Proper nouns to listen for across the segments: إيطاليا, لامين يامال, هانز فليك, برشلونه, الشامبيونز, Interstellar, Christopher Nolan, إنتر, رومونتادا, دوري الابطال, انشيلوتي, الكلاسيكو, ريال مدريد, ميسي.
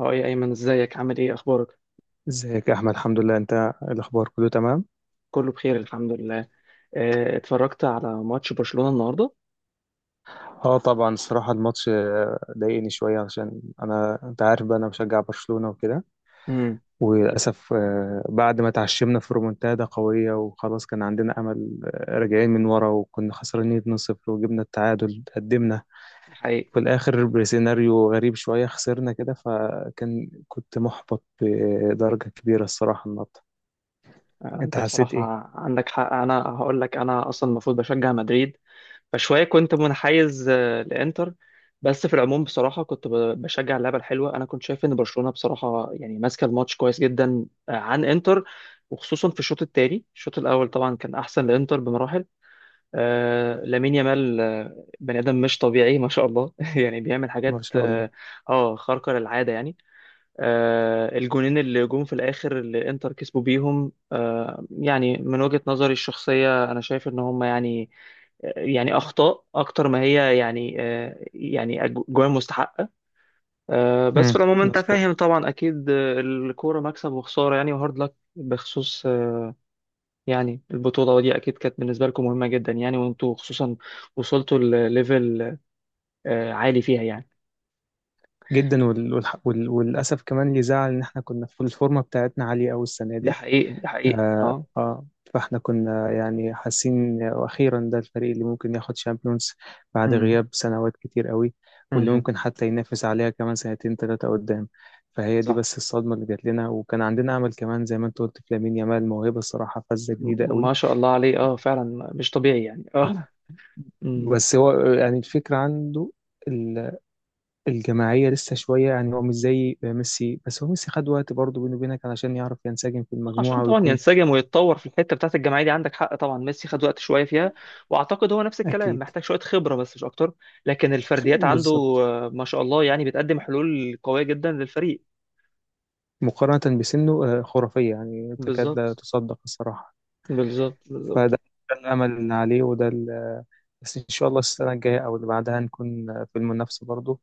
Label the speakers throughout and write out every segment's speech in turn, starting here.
Speaker 1: اه يا ايمن، ازيك؟ عامل ايه؟ اخبارك؟
Speaker 2: ازيك يا احمد، الحمد لله. انت إيه الاخبار؟ كله تمام؟
Speaker 1: كله بخير الحمد لله. اتفرجت على ماتش برشلونة النهارده.
Speaker 2: اه طبعا، الصراحه الماتش ضايقني شويه، عشان انا، انت عارف بقى، انا بشجع برشلونه وكده.
Speaker 1: امم.
Speaker 2: وللاسف بعد ما تعشمنا في رومونتادا قويه وخلاص كان عندنا امل، راجعين من ورا وكنا خسرانين 2-0 وجبنا التعادل، قدمنا
Speaker 1: الحقيقة.
Speaker 2: في الاخر بسيناريو غريب شويه خسرنا كده. فكان كنت محبط بدرجه كبيره الصراحه النهارده. انت
Speaker 1: انت
Speaker 2: حسيت
Speaker 1: بصراحة
Speaker 2: ايه؟
Speaker 1: عندك حق. انا هقول لك، انا اصلا المفروض بشجع مدريد، فشوية كنت منحيز لانتر. بس في العموم بصراحة كنت بشجع اللعبة الحلوة. انا كنت شايف ان برشلونة بصراحة يعني ماسكة الماتش كويس جدا عن انتر، وخصوصا في الشوط التاني. الشوط الاول طبعا كان احسن لانتر بمراحل. لامين يامال، بني ادم مش طبيعي، ما شاء الله. يعني بيعمل حاجات
Speaker 2: ما شاء الله.
Speaker 1: خارقه للعاده يعني. الجونين اللي جم في الاخر اللي انتر كسبوا بيهم، يعني من وجهه نظري الشخصيه انا شايف ان هم، يعني يعني اخطاء اكتر ما هي، يعني يعني جوان مستحقه. بس في
Speaker 2: امم.
Speaker 1: العموم انت فاهم طبعا، اكيد الكوره مكسب وخساره يعني. وهارد لك بخصوص يعني البطولة دي أكيد كانت بالنسبة لكم مهمة جدا يعني، وأنتوا خصوصا وصلتوا لليفل عالي فيها يعني.
Speaker 2: جدا. وللاسف كمان اللي زعل ان احنا كنا في الفورمه بتاعتنا عاليه قوي السنه
Speaker 1: ده
Speaker 2: دي.
Speaker 1: حقيقي، ده حقيقي،
Speaker 2: آه...
Speaker 1: أه.
Speaker 2: آه... فاحنا كنا يعني حاسين واخيرا ده الفريق اللي ممكن ياخد شامبيونز بعد
Speaker 1: أمم،
Speaker 2: غياب سنوات كتير قوي، واللي
Speaker 1: أمم،
Speaker 2: ممكن حتى ينافس عليها كمان سنتين ثلاثه قدام. فهي دي
Speaker 1: صح.
Speaker 2: بس الصدمه اللي جات لنا، وكان عندنا امل كمان زي ما انت قلت في لامين يامال، موهبه الصراحه، فزه جديده قوي.
Speaker 1: ما شاء الله عليه، أه فعلا مش طبيعي يعني، أه. أمم.
Speaker 2: بس هو يعني الفكره عنده الجماعية لسه شوية. يعني هو مش زي ميسي، بس هو ميسي خد وقت برضه بينه وبينك علشان يعرف ينسجم في
Speaker 1: عشان
Speaker 2: المجموعة
Speaker 1: طبعا
Speaker 2: ويكون.
Speaker 1: ينسجم ويتطور في الحتة بتاعت الجماعية دي. عندك حق طبعا، ميسي خد وقت شوية فيها. وأعتقد هو نفس الكلام
Speaker 2: أكيد.
Speaker 1: محتاج شوية خبرة بس، مش أكتر. لكن الفرديات عنده
Speaker 2: بالظبط.
Speaker 1: ما شاء الله يعني بتقدم حلول قوية جدا للفريق.
Speaker 2: مقارنة بسنه خرافية، يعني تكاد لا
Speaker 1: بالظبط،
Speaker 2: تصدق الصراحة.
Speaker 1: بالظبط، بالظبط.
Speaker 2: فده الأمل اللي عليه، بس إن شاء الله السنة الجاية أو اللي بعدها نكون في المنافسة برضه،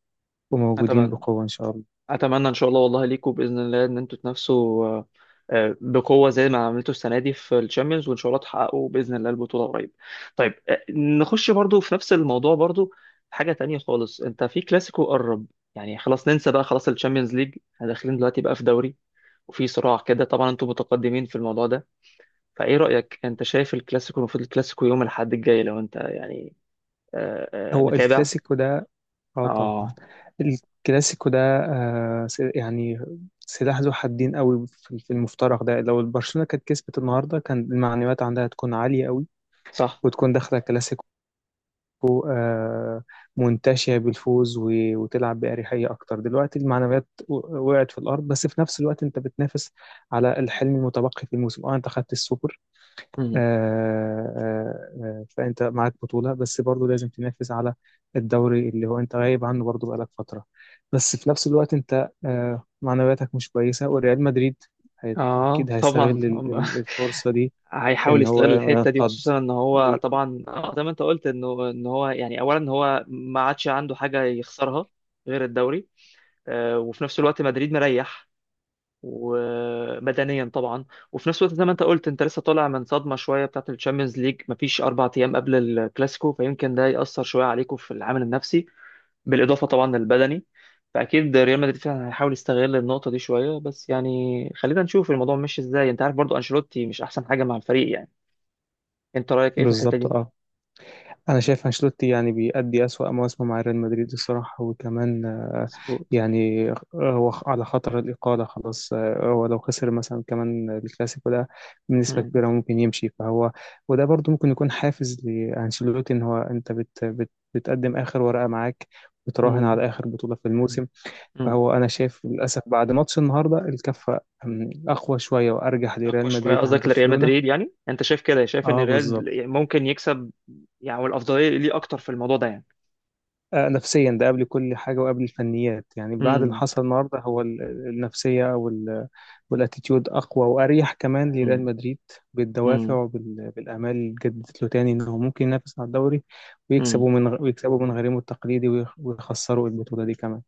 Speaker 2: وموجودين
Speaker 1: أتمنى،
Speaker 2: بقوة إن شاء الله.
Speaker 1: اتمنى ان شاء الله، والله ليكم باذن الله ان انتوا تنافسوا بقوه زي ما عملتوا السنه دي في الشامبيونز، وان شاء الله تحققوا باذن الله البطوله قريب. طيب نخش برضو في نفس الموضوع، برضو حاجه تانية خالص. انت في كلاسيكو قرب، يعني خلاص ننسى بقى، خلاص الشامبيونز ليج، احنا داخلين دلوقتي بقى في دوري وفي صراع كده. طبعا انتوا متقدمين في الموضوع ده، فايه رايك؟ انت شايف الكلاسيكو، المفروض الكلاسيكو يوم الاحد الجاي، لو انت يعني آه،
Speaker 2: هو
Speaker 1: متابع.
Speaker 2: الكلاسيكو ده، اه طبعا.
Speaker 1: اه
Speaker 2: الكلاسيكو ده يعني سلاح ذو حدين قوي في المفترق ده. لو البرشلونة كانت كسبت النهارده كان المعنويات عندها تكون عالية قوي،
Speaker 1: صح.
Speaker 2: وتكون داخلة الكلاسيكو منتشية بالفوز وتلعب بأريحية أكتر. دلوقتي المعنويات وقعت في الأرض، بس في نفس الوقت أنت بتنافس على الحلم المتبقي في الموسم. اه، أنت خدت السوبر. آه، فأنت معاك بطولة، بس برضه لازم تنافس على الدوري اللي هو أنت غايب عنه برضه بقالك فترة. بس في نفس الوقت أنت معنوياتك مش كويسة، وريال مدريد
Speaker 1: اه
Speaker 2: أكيد هيستغل
Speaker 1: طبعا.
Speaker 2: الفرصة دي.
Speaker 1: هيحاول
Speaker 2: إن هو
Speaker 1: يستغل الحته دي،
Speaker 2: ينقض
Speaker 1: خصوصا ان هو
Speaker 2: وي-
Speaker 1: طبعا زي ما انت قلت، انه ان هو يعني اولا هو ما عادش عنده حاجه يخسرها غير الدوري. وفي نفس الوقت مدريد مريح ومدنيا طبعا. وفي نفس الوقت زي ما انت قلت، انت لسه طالع من صدمه شويه بتاعت الشامبيونز ليج، مفيش 4 ايام قبل الكلاسيكو، فيمكن ده ياثر شويه عليكم في العامل النفسي، بالاضافه طبعا للبدني. فاكيد ريال مدريد فعلا هيحاول يستغل النقطه دي شويه، بس يعني خلينا نشوف الموضوع ماشي ازاي. انت عارف برضو انشيلوتي مش احسن حاجه مع الفريق يعني. انت رايك ايه في الحته
Speaker 2: بالظبط،
Speaker 1: دي؟
Speaker 2: أه. انا شايف انشيلوتي يعني بيأدي أسوأ مواسمه مع ريال مدريد الصراحه. وكمان
Speaker 1: مظبوط.
Speaker 2: يعني هو على خطر الاقاله خلاص. هو لو خسر مثلا كمان الكلاسيكو ده، بنسبه
Speaker 1: امم.
Speaker 2: كبيره ممكن يمشي. فهو وده برضو ممكن يكون حافز لانشيلوتي، ان هو انت بت بت بتقدم اخر ورقه معاك، بتراهن
Speaker 1: امم.
Speaker 2: على اخر بطوله في الموسم.
Speaker 1: امم.
Speaker 2: فهو انا شايف للاسف، بعد ماتش النهارده الكفه اقوى شويه وارجح لريال
Speaker 1: شويه
Speaker 2: مدريد عن
Speaker 1: قصدك لريال
Speaker 2: برشلونه.
Speaker 1: مدريد؟ يعني انت شايف كده، شايف ان
Speaker 2: اه بالظبط.
Speaker 1: ريال ممكن يكسب، يعني والافضليه ليه اكتر في الموضوع ده يعني.
Speaker 2: نفسيا ده قبل كل حاجة وقبل الفنيات، يعني بعد اللي
Speaker 1: امم.
Speaker 2: حصل النهاردة هو النفسية والاتيتيود أقوى وأريح كمان لريال
Speaker 1: امم.
Speaker 2: مدريد، بالدوافع وبالآمال اللي اتجددت له تاني إنه ممكن ينافس على الدوري،
Speaker 1: امم.
Speaker 2: ويكسبوا من غريمه التقليدي، ويخسروا البطولة دي كمان.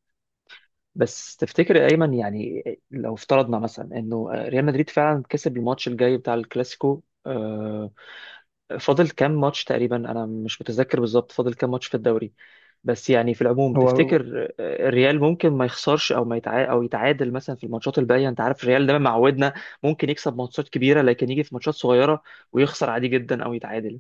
Speaker 1: بس تفتكر يا ايمن، يعني لو افترضنا مثلا انه ريال مدريد فعلا كسب الماتش الجاي بتاع الكلاسيكو، فاضل كام ماتش تقريبا؟ انا مش متذكر بالظبط، فاضل كام ماتش في الدوري؟ بس يعني في العموم
Speaker 2: هو
Speaker 1: تفتكر الريال ممكن ما يخسرش او ما يتع... او يتعادل مثلا في الماتشات الباقيه؟ انت عارف الريال دايما معودنا، ممكن يكسب ماتشات كبيره لكن يجي في ماتشات صغيره ويخسر عادي جدا او يتعادل.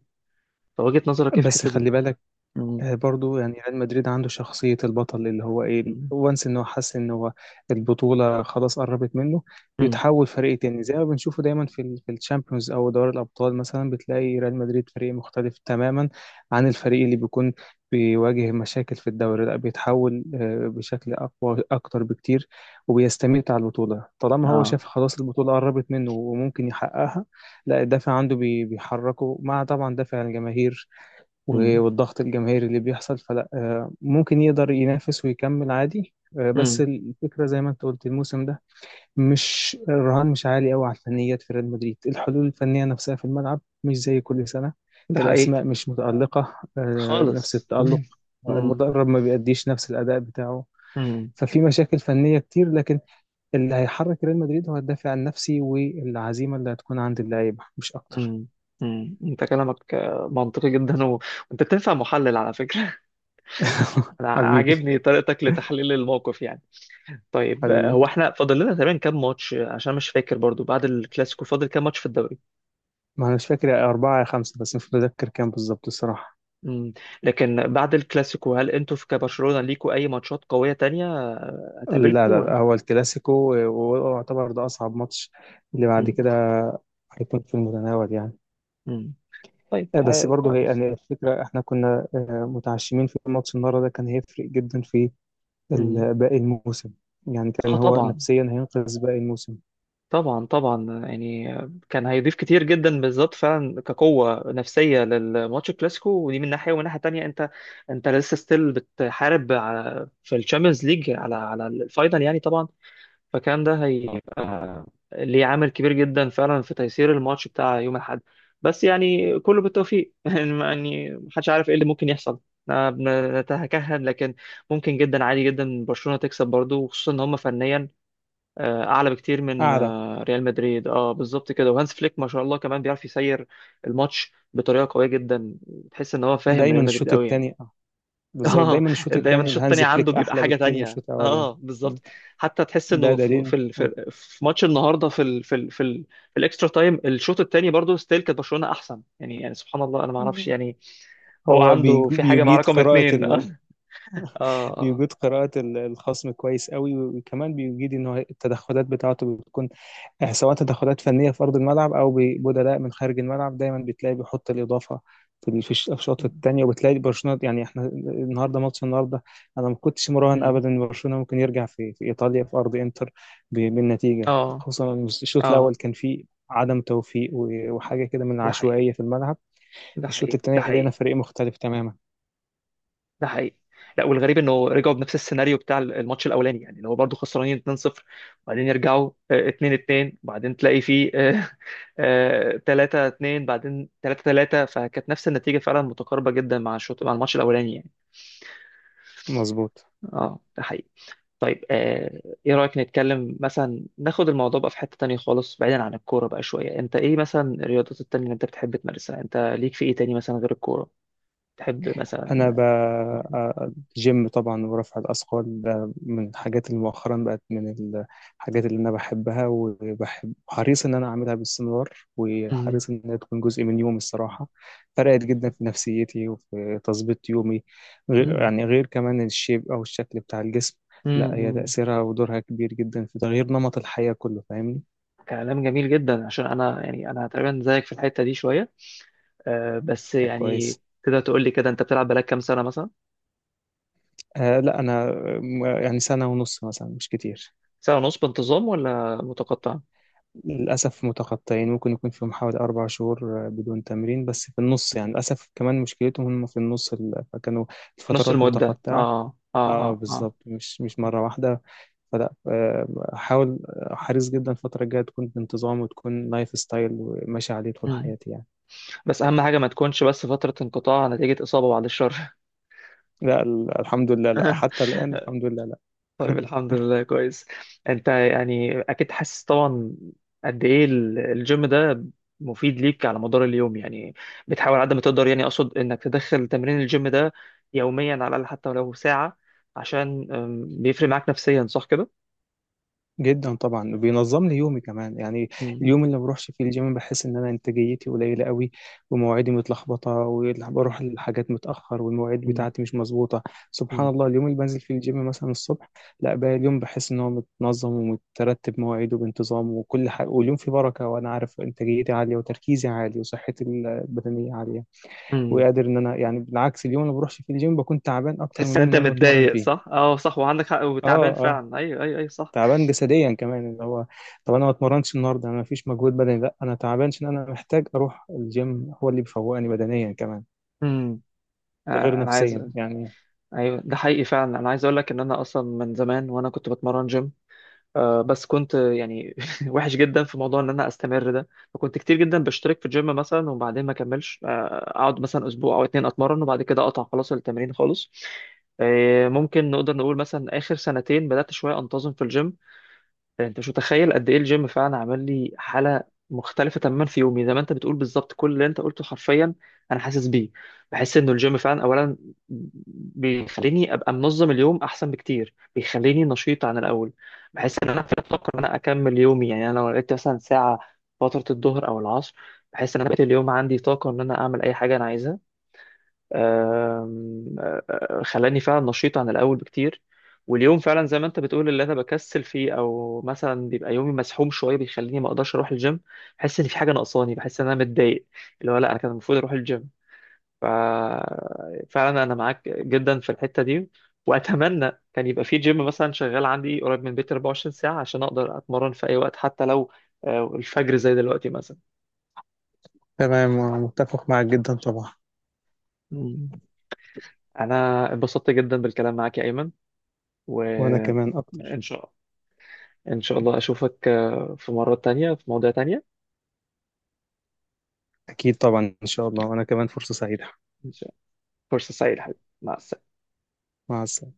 Speaker 1: فوجهة نظرك ايه في
Speaker 2: بس
Speaker 1: الحته دي؟
Speaker 2: خلي بالك،
Speaker 1: امم.
Speaker 2: برضو يعني ريال مدريد عنده شخصية البطل، اللي هو ايه وانس ان هو حس ان هو البطولة خلاص قربت منه،
Speaker 1: امم.
Speaker 2: بيتحول فريق تاني زي ما بنشوفه دايما في ال في الشامبيونز او دوري الابطال. مثلا بتلاقي ريال مدريد فريق مختلف تماما عن الفريق اللي بيكون بيواجه مشاكل في الدوري. لا، بيتحول بشكل اقوى اكتر بكتير، وبيستميت على البطولة طالما هو
Speaker 1: اه.
Speaker 2: شاف خلاص البطولة قربت منه وممكن يحققها. لا، الدافع عنده بيحركه مع طبعا دافع الجماهير
Speaker 1: امم.
Speaker 2: والضغط الجماهيري اللي بيحصل. فلا، ممكن يقدر ينافس ويكمل عادي. بس
Speaker 1: امم.
Speaker 2: الفكرة زي ما انت قلت الموسم ده مش، الرهان مش عالي قوي على الفنيات في ريال مدريد. الحلول الفنية نفسها في الملعب مش زي كل سنة.
Speaker 1: ده حقيقي.
Speaker 2: الأسماء مش متألقة نفس
Speaker 1: خالص.
Speaker 2: التألق.
Speaker 1: مم. مم.
Speaker 2: المدرب ما بيأديش نفس الأداء بتاعه.
Speaker 1: مم.
Speaker 2: ففي مشاكل فنية كتير، لكن اللي هيحرك ريال مدريد هو الدافع النفسي والعزيمة اللي هتكون عند اللعيبة، مش أكتر.
Speaker 1: مم. مم. انت كلامك منطقي جدا، وانت بتنفع محلل على فكرة. انا
Speaker 2: حبيبي.
Speaker 1: عاجبني طريقتك لتحليل الموقف يعني. طيب
Speaker 2: حبيبي،
Speaker 1: هو احنا فاضل لنا تقريبا كام ماتش؟ عشان مش فاكر برضو، بعد الكلاسيكو فاضل كام ماتش في الدوري؟
Speaker 2: ما أنا مش فاكر، أربعة يا خمسة، بس مش متذكر كام بالظبط الصراحة.
Speaker 1: مم. لكن بعد الكلاسيكو، هل انتوا في كبرشلونة ليكوا اي ماتشات قوية تانية
Speaker 2: لا، لا،
Speaker 1: هتقابلكوا؟
Speaker 2: لا، هو الكلاسيكو ويعتبر ده أصعب ماتش. اللي بعد
Speaker 1: مم.
Speaker 2: كده هيكون في المتناول يعني.
Speaker 1: مم. طيب
Speaker 2: بس برضه هي
Speaker 1: كويس.
Speaker 2: يعني الفكرة احنا كنا متعشمين في ماتش النهارده ده، كان هيفرق جدا في
Speaker 1: مم.
Speaker 2: باقي الموسم، يعني
Speaker 1: اه
Speaker 2: كان هو
Speaker 1: طبعا.
Speaker 2: نفسيا هينقذ باقي الموسم.
Speaker 1: طبعا، طبعا، يعني كان هيضيف كتير جدا بالذات، فعلا كقوة نفسية للماتش الكلاسيكو. ودي من ناحية، ومن ناحية تانية انت، انت لسه ستيل بتحارب في الشامبيونز ليج على الفاينل يعني، طبعا. فكان ده هيبقى ليه عامل كبير جدا فعلا في تيسير الماتش بتاع يوم الاحد. بس يعني كله بالتوفيق. يعني محدش عارف ايه اللي ممكن يحصل. أنا نتكهن، لكن ممكن جدا عادي جدا برشلونة تكسب برضو، وخصوصا ان هم فنيا اعلى بكتير من
Speaker 2: أعلى.
Speaker 1: ريال مدريد. اه بالظبط كده. وهانس فليك ما شاء الله كمان بيعرف يسير الماتش بطريقه قويه جدا. تحس ان هو فاهم
Speaker 2: دايما
Speaker 1: ريال مدريد
Speaker 2: الشوط
Speaker 1: قوي يعني.
Speaker 2: الثاني. بالظبط،
Speaker 1: اه،
Speaker 2: دايما الشوط
Speaker 1: دايما
Speaker 2: الثاني
Speaker 1: الشوط الثاني
Speaker 2: الهانز
Speaker 1: عنده
Speaker 2: فليك
Speaker 1: بيبقى
Speaker 2: أحلى
Speaker 1: حاجه
Speaker 2: بكتير من
Speaker 1: تانية،
Speaker 2: الشوط الأولاني.
Speaker 1: اه
Speaker 2: م.
Speaker 1: بالظبط. حتى تحس
Speaker 2: ده
Speaker 1: انه في
Speaker 2: دليل.
Speaker 1: في ال-
Speaker 2: آه.
Speaker 1: في في ماتش النهارده، في في الاكسترا تايم الشوط الثاني برضه ستيل كانت برشلونه احسن يعني. يعني سبحان الله، انا ما اعرفش
Speaker 2: مم.
Speaker 1: يعني هو
Speaker 2: هو
Speaker 1: عنده في حاجه مع
Speaker 2: بيجيد
Speaker 1: رقم
Speaker 2: قراءة.
Speaker 1: اثنين. اه. اه. اه.
Speaker 2: بيجيد قراءة الخصم كويس قوي، وكمان بيجيد ان هو التدخلات بتاعته بتكون سواء تدخلات فنية في أرض الملعب أو بدلاء من خارج الملعب، دايما بتلاقي بيحط الإضافة في الأشواط
Speaker 1: م-
Speaker 2: التانية. وبتلاقي برشلونة، يعني احنا النهارده، ماتش النهارده أنا ما كنتش مراهن
Speaker 1: م.
Speaker 2: أبدا إن برشلونة ممكن يرجع في إيطاليا في أرض إنتر بالنتيجة،
Speaker 1: اه.
Speaker 2: خصوصا إن الشوط
Speaker 1: آه.
Speaker 2: الأول كان فيه عدم توفيق وحاجة كده من
Speaker 1: ده حقيقي،
Speaker 2: العشوائية في الملعب.
Speaker 1: ده
Speaker 2: الشوط
Speaker 1: حقيقي، ده
Speaker 2: التاني لقينا
Speaker 1: حقيقي،
Speaker 2: فريق مختلف تماما.
Speaker 1: ده حقيقي. لا والغريب انه رجعوا بنفس السيناريو بتاع الماتش الاولاني، يعني اللي هو برضه خسرانين 2-0، وبعدين يرجعوا 2-2، وبعدين تلاقي فيه 3-2، بعدين 3-3. فكانت نفس النتيجه فعلا متقاربه جدا مع الماتش الاولاني يعني.
Speaker 2: مظبوط.
Speaker 1: اه ده حقيقي. طيب ايه رايك نتكلم مثلا، ناخد الموضوع بقى في حته تانية خالص بعيدا عن الكوره بقى شويه. انت ايه مثلا الرياضات التانية اللي انت بتحب تمارسها؟ انت ليك في ايه تاني مثلا غير الكوره؟ تحب
Speaker 2: انا
Speaker 1: مثلا؟
Speaker 2: ب...
Speaker 1: مم.
Speaker 2: آه، جيم طبعا ورفع الاثقال، ده من الحاجات اللي مؤخرا بقت من الحاجات اللي انا بحبها، وبحب حريص ان انا اعملها باستمرار، وحريص ان هي تكون جزء من يومي الصراحه. فرقت جدا في نفسيتي وفي تظبيط يومي، غير
Speaker 1: مم.
Speaker 2: يعني غير كمان الشيب او الشكل بتاع الجسم.
Speaker 1: مم.
Speaker 2: لا، هي
Speaker 1: مم.
Speaker 2: تاثيرها ودورها كبير جدا في تغيير نمط الحياه كله. فاهمني؟
Speaker 1: كلام جميل جدا. عشان انا، يعني انا تقريبا زيك في الحته دي شويه. أه بس
Speaker 2: طب
Speaker 1: يعني
Speaker 2: كويس.
Speaker 1: تقدر تقول لي كده انت بتلعب بقالك كام سنه مثلا؟
Speaker 2: لا انا يعني سنه ونص مثلا، مش كتير.
Speaker 1: سنه ونص بانتظام ولا متقطع؟
Speaker 2: للأسف متقطعين، ممكن يكون فيهم حوالي أربع شهور بدون تمرين، بس في النص يعني، للأسف كمان مشكلتهم هم في النص فكانوا
Speaker 1: في نص
Speaker 2: الفترات
Speaker 1: المده،
Speaker 2: متقطعة.
Speaker 1: اه اه
Speaker 2: اه
Speaker 1: اه اه.
Speaker 2: بالظبط، مش مرة واحدة. فلا، حاول حريص جدا الفترة الجاية تكون بانتظام، وتكون لايف ستايل وماشي عليه طول
Speaker 1: مم.
Speaker 2: حياتي يعني.
Speaker 1: بس اهم حاجه ما تكونش بس فتره انقطاع نتيجه اصابه، بعد الشر.
Speaker 2: لا، الحمد لله، لا، حتى الآن الحمد لله، لا.
Speaker 1: طيب الحمد لله كويس. انت يعني اكيد حاسس طبعا قد ايه الجيم ده مفيد ليك على مدار اليوم يعني. بتحاول على قد ما تقدر، يعني اقصد انك تدخل تمرين الجيم ده يوميا على الاقل، حتى ولو ساعة، عشان بيفرق معاك نفسيا، صح كده؟
Speaker 2: جدا طبعا، وبينظم لي يومي كمان يعني.
Speaker 1: مم.
Speaker 2: اليوم اللي ما بروحش فيه الجيم بحس ان انا انتاجيتي قليله قوي، ومواعيدي متلخبطه، وبروح للحاجات متاخر، والمواعيد
Speaker 1: مم.
Speaker 2: بتاعتي مش مظبوطه. سبحان
Speaker 1: مم.
Speaker 2: الله، اليوم اللي بنزل فيه الجيم مثلا الصبح، لا، باقي اليوم بحس ان هو متنظم ومترتب مواعيده بانتظام وكل حاجه، واليوم فيه بركه، وانا عارف انتاجيتي عاليه وتركيزي عالي وصحتي البدنيه عاليه،
Speaker 1: مم.
Speaker 2: وقادر ان انا. يعني بالعكس، اليوم اللي ما بروحش فيه الجيم بكون تعبان اكتر من
Speaker 1: تحس ان
Speaker 2: اليوم
Speaker 1: انت
Speaker 2: اللي انا بتمرن
Speaker 1: متضايق
Speaker 2: فيه.
Speaker 1: صح؟ اه صح، وعندك حق،
Speaker 2: اه،
Speaker 1: وتعبان
Speaker 2: اه،
Speaker 1: فعلا، ايوه ايوه ايوه صح.
Speaker 2: تعبان جسديا كمان اللي هو، طب انا ما اتمرنش النهارده، انا ما فيش مجهود بدني. لا، انا تعبان عشان انا محتاج اروح الجيم، هو اللي بيفوقني بدنيا كمان،
Speaker 1: امم.
Speaker 2: ده غير
Speaker 1: آه، انا عايز.
Speaker 2: نفسيا يعني.
Speaker 1: ايوه ده حقيقي فعلا، انا عايز اقول لك ان انا اصلا من زمان وانا كنت بتمرن جيم، بس كنت يعني وحش جدا في موضوع ان انا استمر ده. فكنت كتير جدا بشترك في الجيم مثلا وبعدين ما اكملش، اقعد مثلا اسبوع او اتنين اتمرن وبعد كده اقطع خلاص، التمرين خالص. ممكن نقدر نقول مثلا اخر سنتين بدات شويه انتظم في الجيم. انت مش متخيل قد ايه الجيم فعلا عمل لي حاله مختلفه تماما في يومي. زي ما انت بتقول بالظبط، كل اللي انت قلته حرفيا انا حاسس بيه. بحس انه الجيم فعلا اولا بيخليني ابقى منظم اليوم احسن بكتير، بيخليني نشيط عن الاول. بحس ان انا في الطاقه ان انا اكمل يومي يعني. انا لو لقيت مثلا ساعه فتره الظهر او العصر، بحس ان انا بقيت اليوم عندي طاقه ان انا اعمل اي حاجه انا عايزها. خلاني فعلا نشيط عن الاول بكتير. واليوم فعلا زي ما انت بتقول، اللي انا بكسل فيه او مثلا بيبقى يومي مسحوم شويه بيخليني ما اقدرش اروح الجيم، بحس ان في حاجه ناقصاني، بحس ان انا متضايق، اللي هو لا، انا كان المفروض اروح الجيم. ف فعلا انا معاك جدا في الحته دي. واتمنى كان يبقى في جيم مثلا شغال عندي قريب من بيتي 24 ساعه، عشان اقدر اتمرن في اي وقت، حتى لو الفجر زي دلوقتي مثلا.
Speaker 2: تمام، متفق معك جدا طبعا.
Speaker 1: مم. انا اتبسطت جدا بالكلام معاك يا ايمن و
Speaker 2: وانا كمان اكتر.
Speaker 1: ان شاء الله. إن شاء الله أشوفك في مرة تانية في مواضيع تانية.
Speaker 2: اكيد طبعا، ان شاء الله، وانا كمان فرصة سعيدة.
Speaker 1: إن شاء الله. فرصة سعيدة حبيبي، مع السلامة.
Speaker 2: مع السلامة.